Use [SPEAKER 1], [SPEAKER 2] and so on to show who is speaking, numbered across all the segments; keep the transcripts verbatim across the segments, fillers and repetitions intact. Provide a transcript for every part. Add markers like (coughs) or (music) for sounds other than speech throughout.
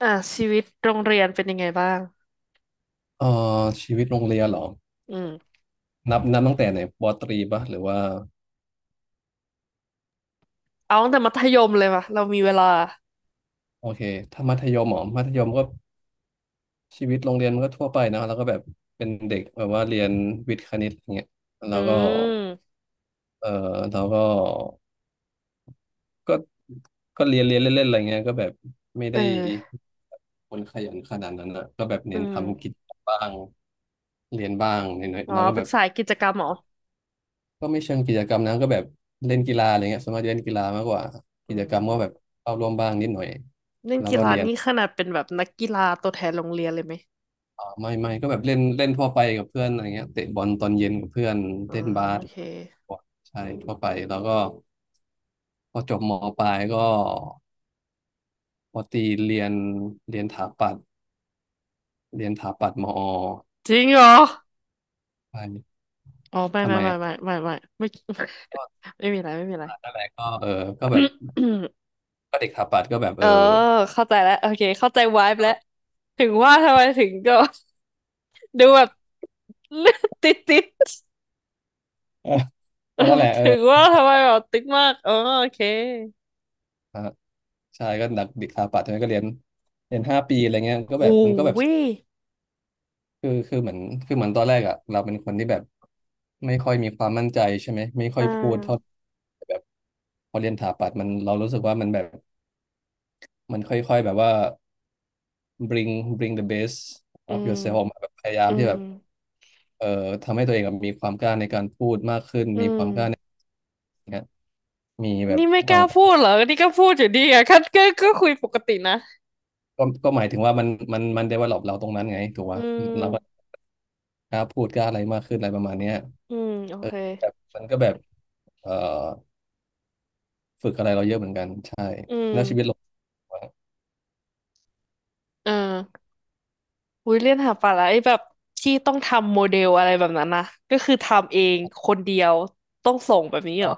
[SPEAKER 1] อ่ะชีวิตโรงเรียนเป็นยังไงบ้าง
[SPEAKER 2] เอ่อชีวิตโรงเรียนเหรอ
[SPEAKER 1] อืม
[SPEAKER 2] นับนับตั้งแต่ไหนปอตรีปะหรือว่า
[SPEAKER 1] เอาตั้งแต่มัธยมเลยป่ะเรามีเวลา
[SPEAKER 2] โอเคถ้ามัธยมเหรอมัธยมก็ชีวิตโรงเรียนมันก็ทั่วไปนะแล้วก็แบบเป็นเด็กแบบว่าเรียนวิทย์คณิตอย่างเงี้ย
[SPEAKER 1] อื
[SPEAKER 2] แล้วก็
[SPEAKER 1] ม
[SPEAKER 2] เออเราก็ก็ก็เรียนเรียนเล่นๆอะไรเงี้ยก็แบบไม่
[SPEAKER 1] เอ
[SPEAKER 2] ได้
[SPEAKER 1] อ
[SPEAKER 2] คนขยันขนาดนั้นนะก็แบบ
[SPEAKER 1] อื
[SPEAKER 2] เน้นทำ
[SPEAKER 1] ม
[SPEAKER 2] กิจบ้างเรียนบ้างนิดหน่อย
[SPEAKER 1] อ๋อ
[SPEAKER 2] แล้วก็
[SPEAKER 1] เป็
[SPEAKER 2] แบ
[SPEAKER 1] น
[SPEAKER 2] บ
[SPEAKER 1] สายกิจกรรมเหรอ
[SPEAKER 2] ก็ไม่เชิงกิจกรรมนะก็แบบเล่นกีฬาอะไรเงี้ยส่วนมากจะเล่นกีฬามากกว่า
[SPEAKER 1] อื
[SPEAKER 2] กิจกรรมก็แบบ
[SPEAKER 1] ม
[SPEAKER 2] เข้าร่วมบ้างนิดหน่อย
[SPEAKER 1] เล่น
[SPEAKER 2] แล้ว
[SPEAKER 1] กี
[SPEAKER 2] ก็
[SPEAKER 1] ฬา
[SPEAKER 2] เรียน
[SPEAKER 1] นี่ขนาดเป็นแบบนักกีฬาตัวแทนโรงเรียนเลยไหม
[SPEAKER 2] อ่าไม่ไม่ก็แบบเล่นเล่นทั่วไปกับเพื่อนอะไรเงี้ยเตะบอลตอนเย็นกับเพื่อน
[SPEAKER 1] อ๋อ
[SPEAKER 2] เล่นบา
[SPEAKER 1] โอ
[SPEAKER 2] ส
[SPEAKER 1] เค
[SPEAKER 2] ใช่ทั่วไปแล้วก็พอจบมปลายก็พอตีเรียนเรียนถาปัตย์เรียนถาปัตย์มอ
[SPEAKER 1] จริงเหรอ
[SPEAKER 2] ใช่
[SPEAKER 1] อ๋อไม่
[SPEAKER 2] ทำ
[SPEAKER 1] ไม่
[SPEAKER 2] ไม
[SPEAKER 1] ไม่
[SPEAKER 2] อ่ะ
[SPEAKER 1] ไม่ไม่ไม่ไม่
[SPEAKER 2] ก็
[SPEAKER 1] (laughs) ไม่มีอะไรไม่มีอะไร
[SPEAKER 2] อ่านั่นแหละก็เออก็แบบ
[SPEAKER 1] (coughs)
[SPEAKER 2] ก็เด็กถาปัตย์ก็แบบ
[SPEAKER 1] เอ
[SPEAKER 2] เอ
[SPEAKER 1] อ
[SPEAKER 2] อ
[SPEAKER 1] เข้าใจแล้วโอเคเข้าใจวาย
[SPEAKER 2] ก็
[SPEAKER 1] แล้
[SPEAKER 2] แบ
[SPEAKER 1] ว
[SPEAKER 2] บ
[SPEAKER 1] ถึงว่าทำไมถึงก็ (laughs) ดูแบบ (laughs) ติดติด
[SPEAKER 2] (laughs)
[SPEAKER 1] เออ
[SPEAKER 2] ก็นั่นแหละ
[SPEAKER 1] (laughs)
[SPEAKER 2] เอ
[SPEAKER 1] ถึง
[SPEAKER 2] อ
[SPEAKER 1] ว่าทำไมแบบติ๊กมากอ๋อโอเค
[SPEAKER 2] ใช่ก็ดักเด็กสถาปัตย์ใช่ไหมก็เรียนเรียนห้าปีอะไรเงี้ยก็แบบ
[SPEAKER 1] หู
[SPEAKER 2] มันก็แบบ
[SPEAKER 1] ย
[SPEAKER 2] คือคือเหมือนคือเหมือนตอนแรกอ่ะเราเป็นคนที่แบบไม่ค่อยมีความมั่นใจใช่ไหมไม่ค่อ
[SPEAKER 1] อ่
[SPEAKER 2] ยพูดเท่า
[SPEAKER 1] า
[SPEAKER 2] แบบพอเรียนสถาปัตย์มันเรารู้สึกว่ามันแบบมันค่อยๆแบบว่า bring bring the best
[SPEAKER 1] อื
[SPEAKER 2] of
[SPEAKER 1] ม
[SPEAKER 2] yourself ออกมาแบบพยายาม
[SPEAKER 1] อื
[SPEAKER 2] ที่
[SPEAKER 1] ม
[SPEAKER 2] แบบเอ่อทำให้ตัวเองแบบมีความกล้าในการพูด
[SPEAKER 1] อืม
[SPEAKER 2] เงี้ยมีแบบ
[SPEAKER 1] นี่ไม่
[SPEAKER 2] ค
[SPEAKER 1] ก
[SPEAKER 2] วา
[SPEAKER 1] ล้า
[SPEAKER 2] ม
[SPEAKER 1] พูดเหรอนี่ก็พูดอยู่ดีอะ (laughs) คัดก็ก็คุยปกตินะ
[SPEAKER 2] ก็ก็หมายถึงว่ามันมันมัน develop เราตรงนั้นไงถูก
[SPEAKER 1] อื
[SPEAKER 2] ปะเราก็
[SPEAKER 1] ม
[SPEAKER 2] กล้าพูดกล้าอะไรมากขึ้นอะไรประมาณเนี้ย
[SPEAKER 1] อืมโอเค
[SPEAKER 2] แบบมันก็แบบเอ่อฝึกอะไรเราเยอะเหมือนกันใช่
[SPEAKER 1] อืม
[SPEAKER 2] แล้วชีวิตเรา
[SPEAKER 1] เอออุ้ยเรียนหาปลาไอแบบที่ต้องทำโมเดลอะไรแบบนั้นนะก็คือทำเองคนเดียวต้องส่งแบบนี้เหร
[SPEAKER 2] ก็
[SPEAKER 1] อ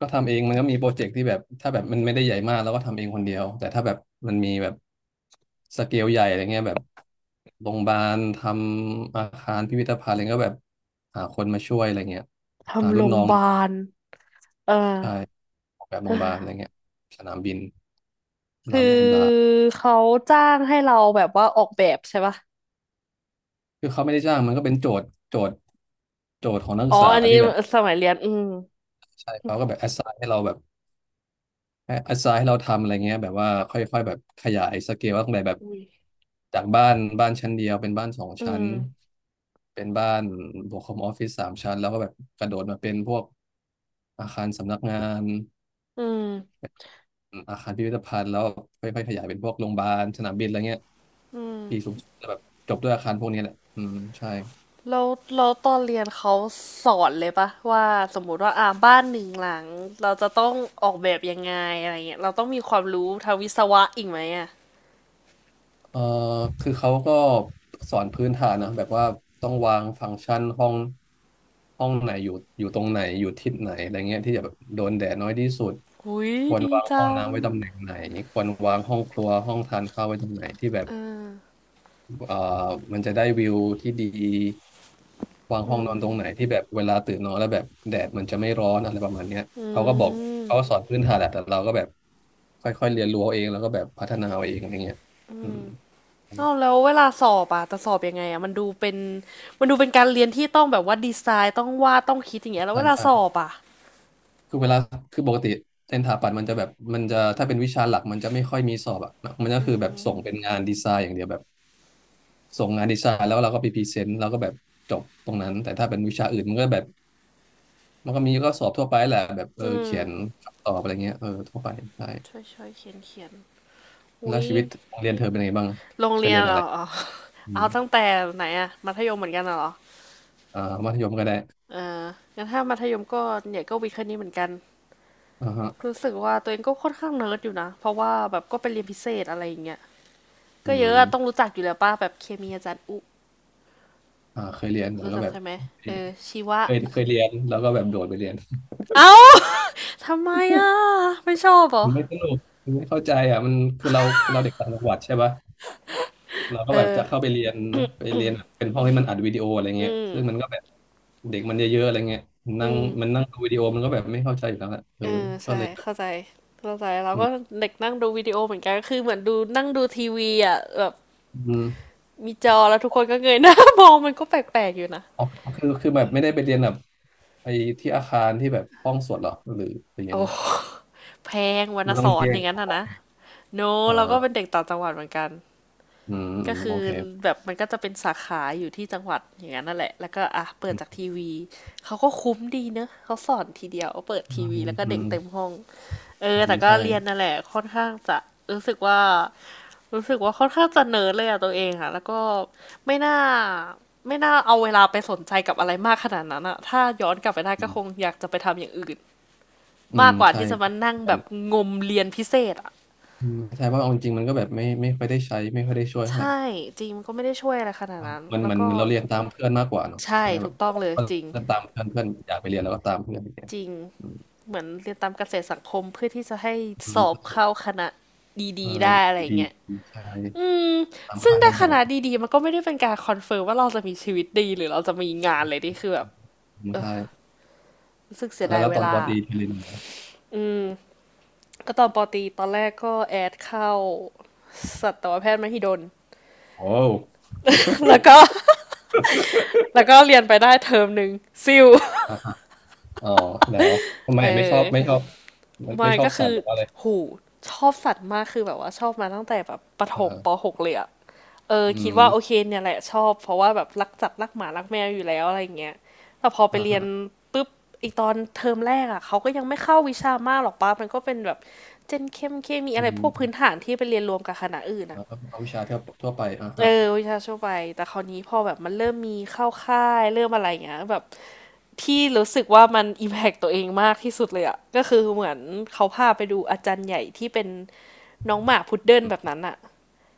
[SPEAKER 2] ก็ทำเองมันก็มีโปรเจกต์ที่แบบถ้าแบบมันไม่ได้ใหญ่มากเราก็ทำเองคนเดียวแต่ถ้าแบบมันมีแบบสเกลใหญ่อะไรเงี้ยแบบโรงพยาบาลทำอาคารพิพิธภัณฑ์อะไรก็แบบหาคนมาช่วยอะไรเงี้ยหา
[SPEAKER 1] ทำโร
[SPEAKER 2] รุ่น
[SPEAKER 1] งพ
[SPEAKER 2] น้อ
[SPEAKER 1] ยา
[SPEAKER 2] ง
[SPEAKER 1] บาลเออ
[SPEAKER 2] ใช่ออกแบบโรงพยาบาลอะไรเงี้ย
[SPEAKER 1] (sighs)
[SPEAKER 2] สนามบินบ
[SPEAKER 1] คือ
[SPEAKER 2] ลาบลาบลา
[SPEAKER 1] เขาจ้างให้เราแบบว่าออกแบบใช่ปะ
[SPEAKER 2] คือเขาไม่ได้จ้างมันก็เป็นโจทย์โจทย์โจทย์ของนัก
[SPEAKER 1] อ๋
[SPEAKER 2] ศึ
[SPEAKER 1] อ
[SPEAKER 2] กษา
[SPEAKER 1] อันนี้
[SPEAKER 2] ที่แบบ
[SPEAKER 1] สมัยเรียนอืม
[SPEAKER 2] ใช่เขาก็แบบแอสไซน์ให้เราแบบ ให้อาสาให้เราทำอะไรเงี้ยแบบว่าค่อยๆแบบขยายสเกลว่าตั้งแต่แบบ
[SPEAKER 1] อืม
[SPEAKER 2] จากบ้านบ้านชั้นเดียวเป็นบ้านสอง
[SPEAKER 1] อื
[SPEAKER 2] ชั้
[SPEAKER 1] ม
[SPEAKER 2] นเป็นบ้านบวกคอมออฟฟิศสามชั้นแล้วก็แบบกระโดดมาเป็นพวกอาคารสำนักงาน
[SPEAKER 1] อืม
[SPEAKER 2] อาคารพิพิธภัณฑ์แล้วค่อยๆขยายเป็นพวกโรงพยาบาลสนามบินอะไรเงี้ย
[SPEAKER 1] อืม
[SPEAKER 2] ปีสูงสุดจะแบบจบด้วยอาคารพวกนี้แหละอืมใช่
[SPEAKER 1] แล้วแล้วตอนเรียนเขาสอนเลยปะว่าสมมุติว่าอ่าบ้านหนึ่งหลังเราจะต้องออกแบบยังไงอะไรเงี้ยเราต้องมีความรู้ทางวิศวะอีกไหมอ่ะ
[SPEAKER 2] เอ่อคือเขาก็สอนพื้นฐานนะแบบว่าต้องวางฟังก์ชันห้องห้องไหนอยู่อยู่ตรงไหนอยู่ทิศไหนอะไรเงี้ยที่จะแบบโดนแดดน้อยที่สุด
[SPEAKER 1] อุ้ย
[SPEAKER 2] ควร
[SPEAKER 1] ดี
[SPEAKER 2] วางห้อ
[SPEAKER 1] จั
[SPEAKER 2] ง
[SPEAKER 1] ง
[SPEAKER 2] น้ำไว้ตำแหน่งไหนควรวางห้องครัวห้องทานข้าวไว้ตรงไหนที่แบบ
[SPEAKER 1] เออ
[SPEAKER 2] เอ่อมันจะได้วิวที่ดีวางห้องนอนตรงไหนที่แบบเวลาตื่นนอนแล้วแบบแดดมันจะไม่ร้อนอะไรประมาณเนี้ย
[SPEAKER 1] อื
[SPEAKER 2] เขาก็บอก
[SPEAKER 1] ม
[SPEAKER 2] เขาก็สอนพื้นฐานแหละแต่เราก็แบบค่อยๆเรียนรู้เอาเองแล้วก็แบบพัฒนาเอาเองอะไรเงี้ยอืม
[SPEAKER 1] อ้าวแล้วเวลาสอบอ่ะจะสอบยังไงอ่ะมันดูเป็นมันดูเป็นการเรียนที่ต้องแบบว่าดีไซน์ต้องวาดต้องคิดอย่างเงี้ยแล้ว
[SPEAKER 2] ใช่
[SPEAKER 1] เวลา
[SPEAKER 2] ใช่
[SPEAKER 1] สอบอ่ะ
[SPEAKER 2] คือเวลาคือปกติเส็นสถาปัตย์มันจะแบบมันจะถ้าเป็นวิชาหลักมันจะไม่ค่อยมีสอบอ่ะมันก็คือแบบส่งเป็นงานดีไซน์อย่างเดียวแบบส่งงานดีไซน์แล้วเราก็ไปพรีเซนต์แล้วก็แบบจบตรงนั้นแต่ถ้าเป็นวิชาอื่นมันก็แบบมันก็มีก็สอบทั่วไปแหละแบบเออ
[SPEAKER 1] อืม
[SPEAKER 2] เขียนคำตอบอะไรเงี้ยเออทั่วไปใช่
[SPEAKER 1] ช่วยช่วยเขียนเขียน
[SPEAKER 2] แล้
[SPEAKER 1] อุ้
[SPEAKER 2] ว
[SPEAKER 1] ย
[SPEAKER 2] ชีวิตโรงเรียนเธอเป็นยังไงบ้าง
[SPEAKER 1] โรง
[SPEAKER 2] เธอ
[SPEAKER 1] เรีย
[SPEAKER 2] เรี
[SPEAKER 1] น
[SPEAKER 2] ยนอะ
[SPEAKER 1] เอ๋
[SPEAKER 2] ไร
[SPEAKER 1] ออ๋
[SPEAKER 2] อืม
[SPEAKER 1] เอาตั้งแต่ไหนอะมัธยมเหมือนกันน่ะเหรอ
[SPEAKER 2] อ่ามัธยมก็ได้
[SPEAKER 1] เอองั้นถ้ามัธยมก็เนี่ยก็วิทย์คณิตเหมือนกัน
[SPEAKER 2] อ่าฮะ
[SPEAKER 1] รู้สึกว่าตัวเองก็ค่อนข้างเนิร์ดอยู่นะเพราะว่าแบบก็ไปเรียนพิเศษอะไรอย่างเงี้ย
[SPEAKER 2] อื
[SPEAKER 1] ก็เยอะอะต้อง
[SPEAKER 2] ม
[SPEAKER 1] รู้จักอยู่แล้วป้าแบบเคมีอาจารย์อุ
[SPEAKER 2] อ่าเคยเรียนแต่
[SPEAKER 1] รู้
[SPEAKER 2] ก็
[SPEAKER 1] จัก
[SPEAKER 2] แบบ
[SPEAKER 1] ใช่ไหมเออชีวะ
[SPEAKER 2] เคยเคยเรียนแล้วก็แบบโดดไปเรียน
[SPEAKER 1] เอ้า (laughs) ทำไมอ่ะไม่ชอบเหรอ
[SPEAKER 2] มันไม่สนุกมันไม่เข้าใจอ่ะมันคือเราคือเราเด็กต่างจังหวัดใช่ปะเราก็
[SPEAKER 1] เอ
[SPEAKER 2] แบบ
[SPEAKER 1] อ
[SPEAKER 2] จะเข้าไปเรียนไปเรียนเป็นห้องที่มันอัดวิดีโออะไร
[SPEAKER 1] อื
[SPEAKER 2] เงี้ยซึ่งมัน
[SPEAKER 1] ม
[SPEAKER 2] ก็แบบเด็กมันเยอะๆอะไรเงี้ยนั่
[SPEAKER 1] อื
[SPEAKER 2] ง
[SPEAKER 1] ม
[SPEAKER 2] มันนั่งดูวิดีโอมันก็แบบไม่เข้าใจอยู่แล้วแหละเออ
[SPEAKER 1] เออ
[SPEAKER 2] ก็
[SPEAKER 1] ใช่
[SPEAKER 2] เลยแบบ
[SPEAKER 1] เข้าใจเข้าใจเรา
[SPEAKER 2] อื
[SPEAKER 1] ก็
[SPEAKER 2] ม
[SPEAKER 1] เด็กนั่งดูวิดีโอเหมือนกันคือเหมือนดูนั่งดูทีวีอ่ะแบบ
[SPEAKER 2] อืม
[SPEAKER 1] มีจอแล้วทุกคนก็เงยหน้ามองมันก็แปลกๆอยู่นะ
[SPEAKER 2] อ๋อคือคือแบบไม่ได้ไปเรียนแบบไปที่อาคารที่แบบห้องสวดหรอหรือหรือยังไง
[SPEAKER 1] โอ้แพงวร
[SPEAKER 2] คื
[SPEAKER 1] ร
[SPEAKER 2] อ
[SPEAKER 1] ณ
[SPEAKER 2] มันต้
[SPEAKER 1] ส
[SPEAKER 2] อง
[SPEAKER 1] อน
[SPEAKER 2] แย
[SPEAKER 1] อย่างนั้น
[SPEAKER 2] ก
[SPEAKER 1] อ่ะนะ โน
[SPEAKER 2] อ
[SPEAKER 1] เราก็เป็น
[SPEAKER 2] ่า
[SPEAKER 1] เด็กต่างจังหวัดเหมือนกัน
[SPEAKER 2] อืมอื
[SPEAKER 1] ก็
[SPEAKER 2] ม
[SPEAKER 1] คื
[SPEAKER 2] โอ
[SPEAKER 1] อ
[SPEAKER 2] เค
[SPEAKER 1] แบบมันก็จะเป็นสาขาอยู่ที่จังหวัดอย่างนั้นนั่นแหละแล้วก็อ่ะเปิด
[SPEAKER 2] อื
[SPEAKER 1] จาก
[SPEAKER 2] ม
[SPEAKER 1] ทีวี เขาก็คุ้มดีเนอะ เขาสอนทีเดียวเปิด
[SPEAKER 2] อื
[SPEAKER 1] ทีวี
[SPEAKER 2] ม
[SPEAKER 1] แล้วก็
[SPEAKER 2] อื
[SPEAKER 1] เด็ก
[SPEAKER 2] ม
[SPEAKER 1] เต็มห้อง เอ
[SPEAKER 2] อื
[SPEAKER 1] อ
[SPEAKER 2] ม
[SPEAKER 1] แต่ก็
[SPEAKER 2] ใช่
[SPEAKER 1] เรียนนั่นแหละค่อนข้างจะรู้สึกว่ารู้สึกว่าค่อนข้างจะเนิร์ดเลยอะตัวเองอะแล้วก็ไม่น่าไม่น่าเอาเวลาไปสนใจกับอะไรมากขนาดนั้นอะถ้าย้อนกลับไปได้
[SPEAKER 2] อื
[SPEAKER 1] ก็
[SPEAKER 2] ม
[SPEAKER 1] คงอยากจะไปทำอย่างอื่น
[SPEAKER 2] อื
[SPEAKER 1] มา
[SPEAKER 2] ม
[SPEAKER 1] กกว่า
[SPEAKER 2] ใช่
[SPEAKER 1] ที่จะมานั่งแบบงมเรียนพิเศษอะ
[SPEAKER 2] อืมใช่เพราะเอาจริงๆมันก็แบบไม่ไม่ค่อยได้ใช้ไม่ค่อยได้ช่วยเท่าไหร่
[SPEAKER 1] ใช่จริงมันก็ไม่ได้ช่วยอะไรขนาดนั้น
[SPEAKER 2] มัน
[SPEAKER 1] แล้
[SPEAKER 2] เห
[SPEAKER 1] ว
[SPEAKER 2] มัน
[SPEAKER 1] ก็
[SPEAKER 2] เหมือนเราเรียนตามเพื่อนมากกว่าเนอะ
[SPEAKER 1] ใช่
[SPEAKER 2] ใช่ไหมแบ
[SPEAKER 1] ถูก
[SPEAKER 2] บ
[SPEAKER 1] ต้องเลยจริง
[SPEAKER 2] เรียนตามเพื่อนเพื่อนอยากไปเรียนแล้วก็ตามเพื่อนไปเรียน
[SPEAKER 1] จริง
[SPEAKER 2] อืม
[SPEAKER 1] เหมือนเรียนตามเกษตรสังคมเพื่อที่จะให้
[SPEAKER 2] อื
[SPEAKER 1] สอบ
[SPEAKER 2] ม
[SPEAKER 1] เข้าคณะ
[SPEAKER 2] เอ
[SPEAKER 1] ดี
[SPEAKER 2] อ
[SPEAKER 1] ๆได้อะไรอย่า
[SPEAKER 2] ดี
[SPEAKER 1] งเงี้ย
[SPEAKER 2] ๆใช่
[SPEAKER 1] อืม
[SPEAKER 2] ตาม
[SPEAKER 1] ซึ่ง
[SPEAKER 2] ค่านิ
[SPEAKER 1] ได้
[SPEAKER 2] ยม
[SPEAKER 1] ค
[SPEAKER 2] สัง
[SPEAKER 1] ณะ
[SPEAKER 2] คม
[SPEAKER 1] ดีๆมันก็ไม่ได้เป็นการคอนเฟิร์มว่าเราจะมีชีวิตดีหรือเราจะมีงานเลยที่คือแบบ
[SPEAKER 2] ใช่
[SPEAKER 1] รู้สึกเสีย
[SPEAKER 2] แล้ว
[SPEAKER 1] ดาย
[SPEAKER 2] แล้ว
[SPEAKER 1] เว
[SPEAKER 2] ตอนป
[SPEAKER 1] ลา
[SPEAKER 2] อตรีทีเรียนยู่ไง
[SPEAKER 1] อืมก็ตอนปอตรีตอนแรกก็แอดเข้าสัตวแพทย์มหิดล
[SPEAKER 2] โอ้
[SPEAKER 1] แล้วก็แล้วก็เรียนไปได้เทอมหนึ่งซิว
[SPEAKER 2] อ่ะอะอ๋อแล้วทำไม
[SPEAKER 1] เอ
[SPEAKER 2] ไม่ชอ
[SPEAKER 1] อ
[SPEAKER 2] บไม่ชอบมัน
[SPEAKER 1] ไมา
[SPEAKER 2] ไม่ชอบ
[SPEAKER 1] ก็
[SPEAKER 2] สั
[SPEAKER 1] คื
[SPEAKER 2] ต
[SPEAKER 1] อ
[SPEAKER 2] ว์หรือว่าอะไร
[SPEAKER 1] หู ชอบสัตว์มากคือแบบว่าชอบมาตั้งแต่แบบประถมป
[SPEAKER 2] เออ
[SPEAKER 1] .หก เลยอะเออ
[SPEAKER 2] อื
[SPEAKER 1] คิดว่าโอเค
[SPEAKER 2] ม
[SPEAKER 1] เนี่ยแหละชอบ เพราะว่าแบบรักจัดรักหมารักแมวอยู่แล้วอะไรเงี้ยแต่พอไป
[SPEAKER 2] อ่า
[SPEAKER 1] เรียน
[SPEAKER 2] ฮะ
[SPEAKER 1] ปุ๊บอีกตอนเทอมแรกอะเขาก็ยังไม่เข้าวิชามากหรอกป้ามันก็เป็นแบบเจนเข้มเคมี
[SPEAKER 2] อื
[SPEAKER 1] อะไรพวกพื้น
[SPEAKER 2] ม
[SPEAKER 1] ฐานที่ไปเรียนรวมกับคณะอื่นอะ
[SPEAKER 2] เอาเอาวิชาทั่วทั่วไปอ่า
[SPEAKER 1] เอ
[SPEAKER 2] ฮะ
[SPEAKER 1] อวิชาชั่วไป แต่คราวนี้พอแบบมันเริ่มมีเข้าค่ายเริ่มอะไรอย่างเงี้ยแบบพี่รู้สึกว่ามันอิมแพกตัวเองมากที่สุดเลยอะก็คือเหมือนเขาพาไปดูอาจารย์ใหญ่ที่เป็น น้องหมาพุดเดิ้ล
[SPEAKER 2] อ
[SPEAKER 1] แบบ
[SPEAKER 2] ม
[SPEAKER 1] นั้นอะ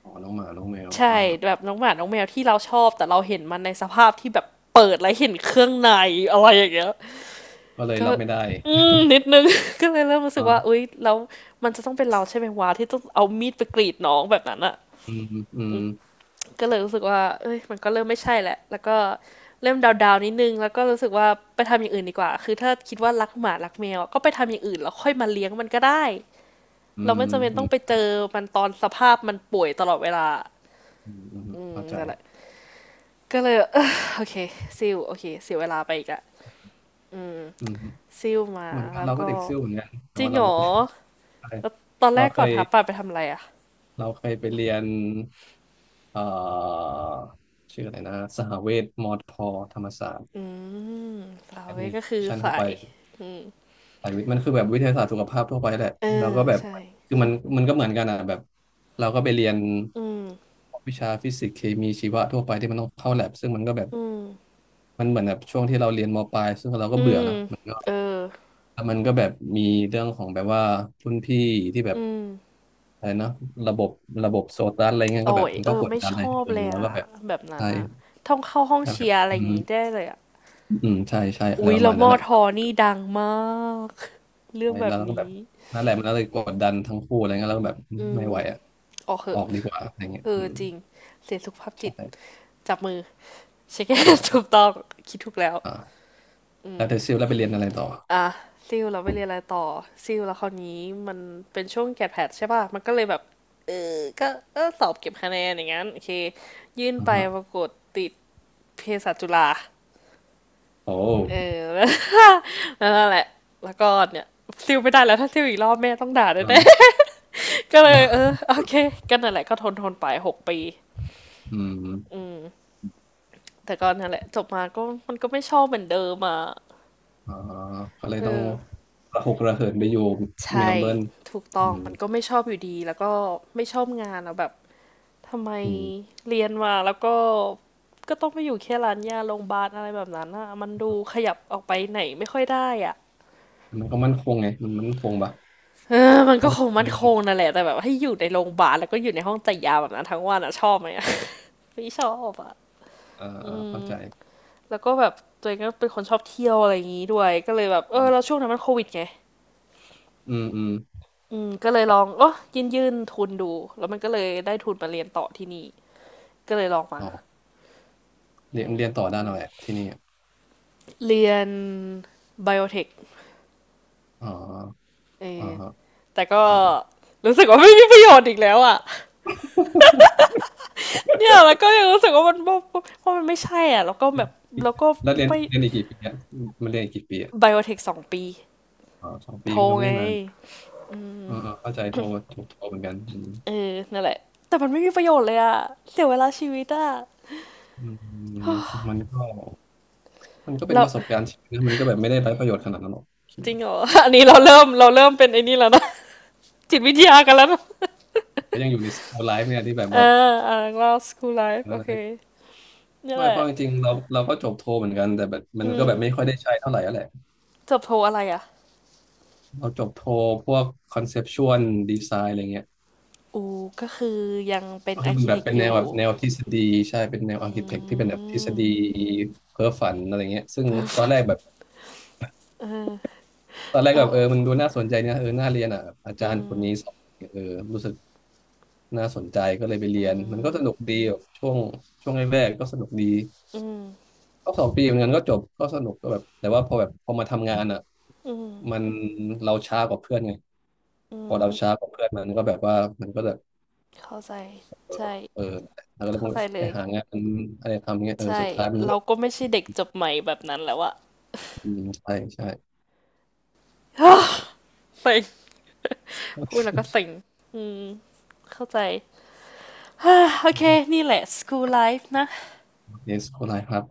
[SPEAKER 2] อ๋อน้องหมาน้องแมว
[SPEAKER 1] ใช่
[SPEAKER 2] อ่าฮะ
[SPEAKER 1] แบบน้องหมาน้องแมวที่เราชอบแต่เราเห็นมันในสภาพที่แบบเปิดแล้วเห็นเครื่องในอะไรอย่างเงี้ย
[SPEAKER 2] ก็เลย
[SPEAKER 1] ก็
[SPEAKER 2] รับไม่ได้
[SPEAKER 1] อืมนิดนึง (laughs) ก็เลยเริ่มรู้สึ
[SPEAKER 2] อ่
[SPEAKER 1] กว่าอุ้
[SPEAKER 2] า
[SPEAKER 1] ยแล้วมันจะต้องเป็นเราใช่ไหมวะที่ต้องเอามีดไปกรีดน้องแบบนั้นอะ
[SPEAKER 2] อืมอืม
[SPEAKER 1] ก็เลยรู้สึกว่าเอ้ยมันก็เริ่มไม่ใช่แหละแล้วก็เริ่มดาวๆนิดนึงแล้วก็รู้สึกว่าไปทำอย่างอื่นดีกว่าคือถ้าคิดว่ารักหมารักแมวก็ไปทำอย่างอื่นแล้วค่อยมาเลี้ยงมันก็ได้
[SPEAKER 2] อื
[SPEAKER 1] เรา
[SPEAKER 2] ม
[SPEAKER 1] ไม่จำเป็น
[SPEAKER 2] อื
[SPEAKER 1] ต้อ
[SPEAKER 2] ม
[SPEAKER 1] งไป
[SPEAKER 2] ใช่
[SPEAKER 1] เจอมันตอนสภาพมันป่วยตลอดเวลา
[SPEAKER 2] อืมอืม
[SPEAKER 1] อืม
[SPEAKER 2] เข้าใจ
[SPEAKER 1] นั่นแหละ ก็เลยเออ (sighs) โอเคซิลโอเคเสียเวลาไปอีกอะ
[SPEAKER 2] อืม
[SPEAKER 1] ซิลมา
[SPEAKER 2] เหมือนกัน
[SPEAKER 1] แล้ว
[SPEAKER 2] เราก็
[SPEAKER 1] ก็
[SPEAKER 2] เด็กซิ่วเหมือนกันแต่
[SPEAKER 1] จริ
[SPEAKER 2] ว่า
[SPEAKER 1] ง
[SPEAKER 2] เรา
[SPEAKER 1] เหร
[SPEAKER 2] ไม่
[SPEAKER 1] อ
[SPEAKER 2] ได้ไป
[SPEAKER 1] แล้วตอนแร
[SPEAKER 2] เรา
[SPEAKER 1] ก
[SPEAKER 2] เค
[SPEAKER 1] ก่อน
[SPEAKER 2] ย
[SPEAKER 1] ทับปลาไปทำอะไรอะ
[SPEAKER 2] เราเคยไปเรียนเอ่อชื่ออะไรนะสหเวชมอทอธรรมศาสตร์
[SPEAKER 1] อืมฟลา
[SPEAKER 2] แอด
[SPEAKER 1] เว
[SPEAKER 2] มิ
[SPEAKER 1] ก็คือ
[SPEAKER 2] ชั่น
[SPEAKER 1] ใส
[SPEAKER 2] เข้าไปสายวิทย์มันคือแบบวิทยาศาสตร์สุขภาพทั่วไปแหละ
[SPEAKER 1] เออ
[SPEAKER 2] เราก็แบบ
[SPEAKER 1] ใช่
[SPEAKER 2] คือมันมันก็เหมือนกันอ่ะแบบเราก็ไปเรียน
[SPEAKER 1] อืม
[SPEAKER 2] วิชาฟิสิกส์เคมีชีวะทั่วไปที่มันต้องเข้าแลบซึ่งมันก็แบบ
[SPEAKER 1] อืม
[SPEAKER 2] มันเหมือนแบบช่วงที่เราเรียนมปลายซึ่งเราก็
[SPEAKER 1] อื
[SPEAKER 2] เบื่อ
[SPEAKER 1] ม
[SPEAKER 2] นะ
[SPEAKER 1] เออ
[SPEAKER 2] แล้วมันก็แบบมีเรื่องของแบบว่ารุ่นพี่ที่แบ
[SPEAKER 1] อื
[SPEAKER 2] บ
[SPEAKER 1] ม
[SPEAKER 2] อะไรนะระบบระบบโซตัสอะไรเงี้ยก็
[SPEAKER 1] โอ้
[SPEAKER 2] แบบ
[SPEAKER 1] ย
[SPEAKER 2] มัน
[SPEAKER 1] เอ
[SPEAKER 2] ก็
[SPEAKER 1] อ
[SPEAKER 2] กด
[SPEAKER 1] ไม่
[SPEAKER 2] ดัน
[SPEAKER 1] ช
[SPEAKER 2] ให้
[SPEAKER 1] อบ
[SPEAKER 2] เออ
[SPEAKER 1] เลย
[SPEAKER 2] แล้ว
[SPEAKER 1] อะ
[SPEAKER 2] ก็แบบ
[SPEAKER 1] แบบนั้
[SPEAKER 2] ใช่
[SPEAKER 1] นอะต้องเข้าห้อง
[SPEAKER 2] แล้วแบ
[SPEAKER 1] เชี
[SPEAKER 2] บ
[SPEAKER 1] ยร์อะไร
[SPEAKER 2] อื
[SPEAKER 1] อย่าง
[SPEAKER 2] ม
[SPEAKER 1] งี้ได้เลยอะ
[SPEAKER 2] อืมใช่ใช่อะไร
[SPEAKER 1] อุ๊ย
[SPEAKER 2] ประ
[SPEAKER 1] แล้
[SPEAKER 2] มา
[SPEAKER 1] ว
[SPEAKER 2] ณ
[SPEAKER 1] ม
[SPEAKER 2] นั้น
[SPEAKER 1] อ
[SPEAKER 2] แหละ
[SPEAKER 1] ทอนี่ดังมากเรื่อ
[SPEAKER 2] ใช่
[SPEAKER 1] งแบ
[SPEAKER 2] แล้
[SPEAKER 1] บ
[SPEAKER 2] วก็แบบ
[SPEAKER 1] นี้
[SPEAKER 2] นั่นแหละมันก็เลยกดดันทั้งคู่อะไรเงี้ยแล้วก็แบบ
[SPEAKER 1] อื
[SPEAKER 2] ไม่
[SPEAKER 1] ม
[SPEAKER 2] ไหวอ่ะ
[SPEAKER 1] ออกเห
[SPEAKER 2] อ
[SPEAKER 1] อะ
[SPEAKER 2] อกดีกว่าอะไรเงี้ย
[SPEAKER 1] เอ
[SPEAKER 2] อื
[SPEAKER 1] อ
[SPEAKER 2] ม
[SPEAKER 1] จริงเสียสุขภาพจิต
[SPEAKER 2] ใช่
[SPEAKER 1] จับมือ เช็คเก้น (laughs) ถู
[SPEAKER 2] ใช่
[SPEAKER 1] กต้องคิดถูกแล้ว
[SPEAKER 2] อ่า
[SPEAKER 1] อื
[SPEAKER 2] แล้
[SPEAKER 1] ม
[SPEAKER 2] วเธอซิลแล้วไปเรียนอะไรต่อ
[SPEAKER 1] อ่ะซิลเราไปเรียนอะไรต่อซิลแล้วคราวนี้มันเป็นช่วงแกดแพดใช่ป่ะมันก็เลยแบบเออก็เออสอบเก็บคะแนนอย่างงั้นโอเคยื่น
[SPEAKER 2] อ่า
[SPEAKER 1] ไป
[SPEAKER 2] ฮะ
[SPEAKER 1] ปรากฏติดเภสัชจุฬา
[SPEAKER 2] โอ้
[SPEAKER 1] เออ (laughs) แล้วแล้วนั่นแหละแล้วก็เนี่ยซิลไม่ได้แล้วถ้าซิลอีกรอบแม่ต้องด่า
[SPEAKER 2] อ่า
[SPEAKER 1] แน่ๆ (laughs) ก็เลยเออโอเคก็นั่นแหละก็ทนทนไปหกปี
[SPEAKER 2] (laughs) อืม
[SPEAKER 1] แต่ก็นั่นแหละจบมาก็มันก็ไม่ชอบเหมือนเดิมอ่ะ
[SPEAKER 2] อ่าก็เลย
[SPEAKER 1] เอ
[SPEAKER 2] ต้อง
[SPEAKER 1] อ
[SPEAKER 2] ระหกระเหินไปอยู่เม
[SPEAKER 1] ใช่
[SPEAKER 2] ลเบิร์น
[SPEAKER 1] ถูกต้
[SPEAKER 2] อื
[SPEAKER 1] อง
[SPEAKER 2] ม
[SPEAKER 1] มันก็ไม่ชอบอยู่ดีแล้วก็ไม่ชอบงานอะแบบทำไม
[SPEAKER 2] อืม
[SPEAKER 1] เรียนมาแล้วก็ก็ต้องไปอยู่แค่ร้านยาโรงพยาบาลอะไรแบบนั้นอะมันดูขยับออกไปไหนไม่ค่อยได้อะ
[SPEAKER 2] มันก็มั่นคงไงมันมั่นคงปะ
[SPEAKER 1] (laughs) เออมัน
[SPEAKER 2] ถ้า
[SPEAKER 1] ก็
[SPEAKER 2] แบ
[SPEAKER 1] ค
[SPEAKER 2] บ
[SPEAKER 1] งมั่นคงนั่นแหละแต่แบบให้อยู่ในโรงพยาบาลแล้วก็อยู่ในห้องจ่ายยาแบบนั้นทั้งวันอะชอบไหมอะ (laughs) ไม่ชอบอะ
[SPEAKER 2] เออเข้าใจ
[SPEAKER 1] แล้วก็แบบตัวเองก็เป็นคนชอบเที่ยวอะไรอย่างงี้ด้วยก็เลยแบบเออ
[SPEAKER 2] อื
[SPEAKER 1] แล้วช่วงนั้นมันโควิดไง
[SPEAKER 2] มอืม
[SPEAKER 1] อืมก็เลยลองเออยื่นยื่นทุนดูแล้วมันก็เลยได้ทุนมาเรียนต่อที่นี่ก็เลยลองมา
[SPEAKER 2] อ๋อเรียนเรียนต่อด้านอะไรอะที่นี่อะ
[SPEAKER 1] เรียนไบโอเทค
[SPEAKER 2] อ๋อ
[SPEAKER 1] เอ
[SPEAKER 2] อ๋อ
[SPEAKER 1] อ
[SPEAKER 2] ฮะ
[SPEAKER 1] แต่ก็
[SPEAKER 2] อ๋อ
[SPEAKER 1] รู้สึกว่าไม่มีประโยชน์อีกแล้วอ่ะเนี่ยแล้วก็ยังรู้สึกว่ามันว่าะมันไม่ใช่อ่ะแล้วก็แบบแล้วก็
[SPEAKER 2] (laughs) แล้วเรียน
[SPEAKER 1] ไม่
[SPEAKER 2] เรียนอีกกี่ปีอ่ะมันเรียนอีกกี่ปีอ่ะ
[SPEAKER 1] ไบโอเทคสองปี
[SPEAKER 2] อ๋อสอง
[SPEAKER 1] โท
[SPEAKER 2] ปี
[SPEAKER 1] ร
[SPEAKER 2] มันก็ไม่
[SPEAKER 1] ไง
[SPEAKER 2] ได้นานเออเออเข้าใจโทรถูกโทรเหมือนกันอืม
[SPEAKER 1] เออนั่นแหละ แต่มันไม่มีประโยชน์เลยอ่ะเสียเวลาชีวิตอ่ะ
[SPEAKER 2] อืมมันก็มันก็เป็น
[SPEAKER 1] เรา
[SPEAKER 2] ประสบการณ์ชีวิตนะมันก็แบบไม่ได้ไร้ประโยชน์ขนาดนั้นหรอกคิด
[SPEAKER 1] จริ
[SPEAKER 2] ว่า
[SPEAKER 1] งเหรอ อันนี้เราเริ่มเราเริ่มเป็นไอ้นี่แล้วนะจิตวิทยากันแล้วนะ
[SPEAKER 2] ก็ยังอยู่ในสโตไลฟ์เนี่ยที่แบบ
[SPEAKER 1] เอ
[SPEAKER 2] ว่า
[SPEAKER 1] ออ่าเราสคูลไล
[SPEAKER 2] เอ
[SPEAKER 1] ฟ์
[SPEAKER 2] อ
[SPEAKER 1] โอเคนี่
[SPEAKER 2] ไม่
[SPEAKER 1] แห
[SPEAKER 2] เพ
[SPEAKER 1] ละ
[SPEAKER 2] ราะจริงๆเราเราก็จบโทรเหมือนกันแต่แบบมั
[SPEAKER 1] อื
[SPEAKER 2] นก็
[SPEAKER 1] ม
[SPEAKER 2] แบบไม่ค่อยได้ใช้เท่าไหร่อะไร
[SPEAKER 1] จบโทอะไรอ่ะ
[SPEAKER 2] เราจบโทพวกคอนเซปชวลดีไซน์อะไรเงี้ย
[SPEAKER 1] อูก็คือยังเป็น
[SPEAKER 2] ก็คื
[SPEAKER 1] อา
[SPEAKER 2] อ
[SPEAKER 1] ร์เค
[SPEAKER 2] มันแบ
[SPEAKER 1] เท
[SPEAKER 2] บ
[SPEAKER 1] ค
[SPEAKER 2] เป็น
[SPEAKER 1] อ
[SPEAKER 2] แนว
[SPEAKER 1] ยู่
[SPEAKER 2] แบบแนวทฤษฎีใช่เป็นแนวอาร์เค
[SPEAKER 1] อื
[SPEAKER 2] เต็กที่เป็นแบบทฤษ
[SPEAKER 1] ม
[SPEAKER 2] ฎีเพ้อฝันอะไรเงี้ยซึ่งตอนแรกแบบตอนแรก
[SPEAKER 1] เอ
[SPEAKER 2] ก็แบบเออมัน
[SPEAKER 1] า
[SPEAKER 2] ดูน่าสนใจเนี่ยเออน่าเรียนอ่ะแบบอาจา
[SPEAKER 1] อื
[SPEAKER 2] รย์คนนี้สอ
[SPEAKER 1] ม
[SPEAKER 2] นเออรู้สึกน่าสนใจก็เลยไปเรี
[SPEAKER 1] อื
[SPEAKER 2] ยนมันก็
[SPEAKER 1] ม
[SPEAKER 2] สนุกดีแบบช่วงช่วงแรกๆก็สนุกดี
[SPEAKER 1] อืม
[SPEAKER 2] ก็สองปีเหมือนกันก็จบก็สนุกก็แบบแต่ว่าพอแบบพอมาทำงานอ่ะ
[SPEAKER 1] อืม
[SPEAKER 2] มันเราช้ากว่าเพื่อนไง
[SPEAKER 1] อื
[SPEAKER 2] พอเราช้า
[SPEAKER 1] ม
[SPEAKER 2] กว่าเพื่อนมันก็แบบว่ามันก็จะ
[SPEAKER 1] เข้าใจ ใช่
[SPEAKER 2] เออแล้วก็เลยพ
[SPEAKER 1] เข้า
[SPEAKER 2] วก
[SPEAKER 1] ใจเล
[SPEAKER 2] ไป
[SPEAKER 1] ย
[SPEAKER 2] หางานอะไรทำเงี้ยเออ
[SPEAKER 1] ใช่
[SPEAKER 2] สุดท้ายมันก็
[SPEAKER 1] เราก็ไม่ใช่เด็กจบใหม่แบบนั้นแล้วอะ
[SPEAKER 2] อืมใช่ใช่เออ
[SPEAKER 1] (sighs) เซ็งพูดแล้วก็เซ็งอืมเข้าใจ (sighs) โอเค นี่แหละ สคูลไลฟ์ นะ
[SPEAKER 2] เยส คนไหครับ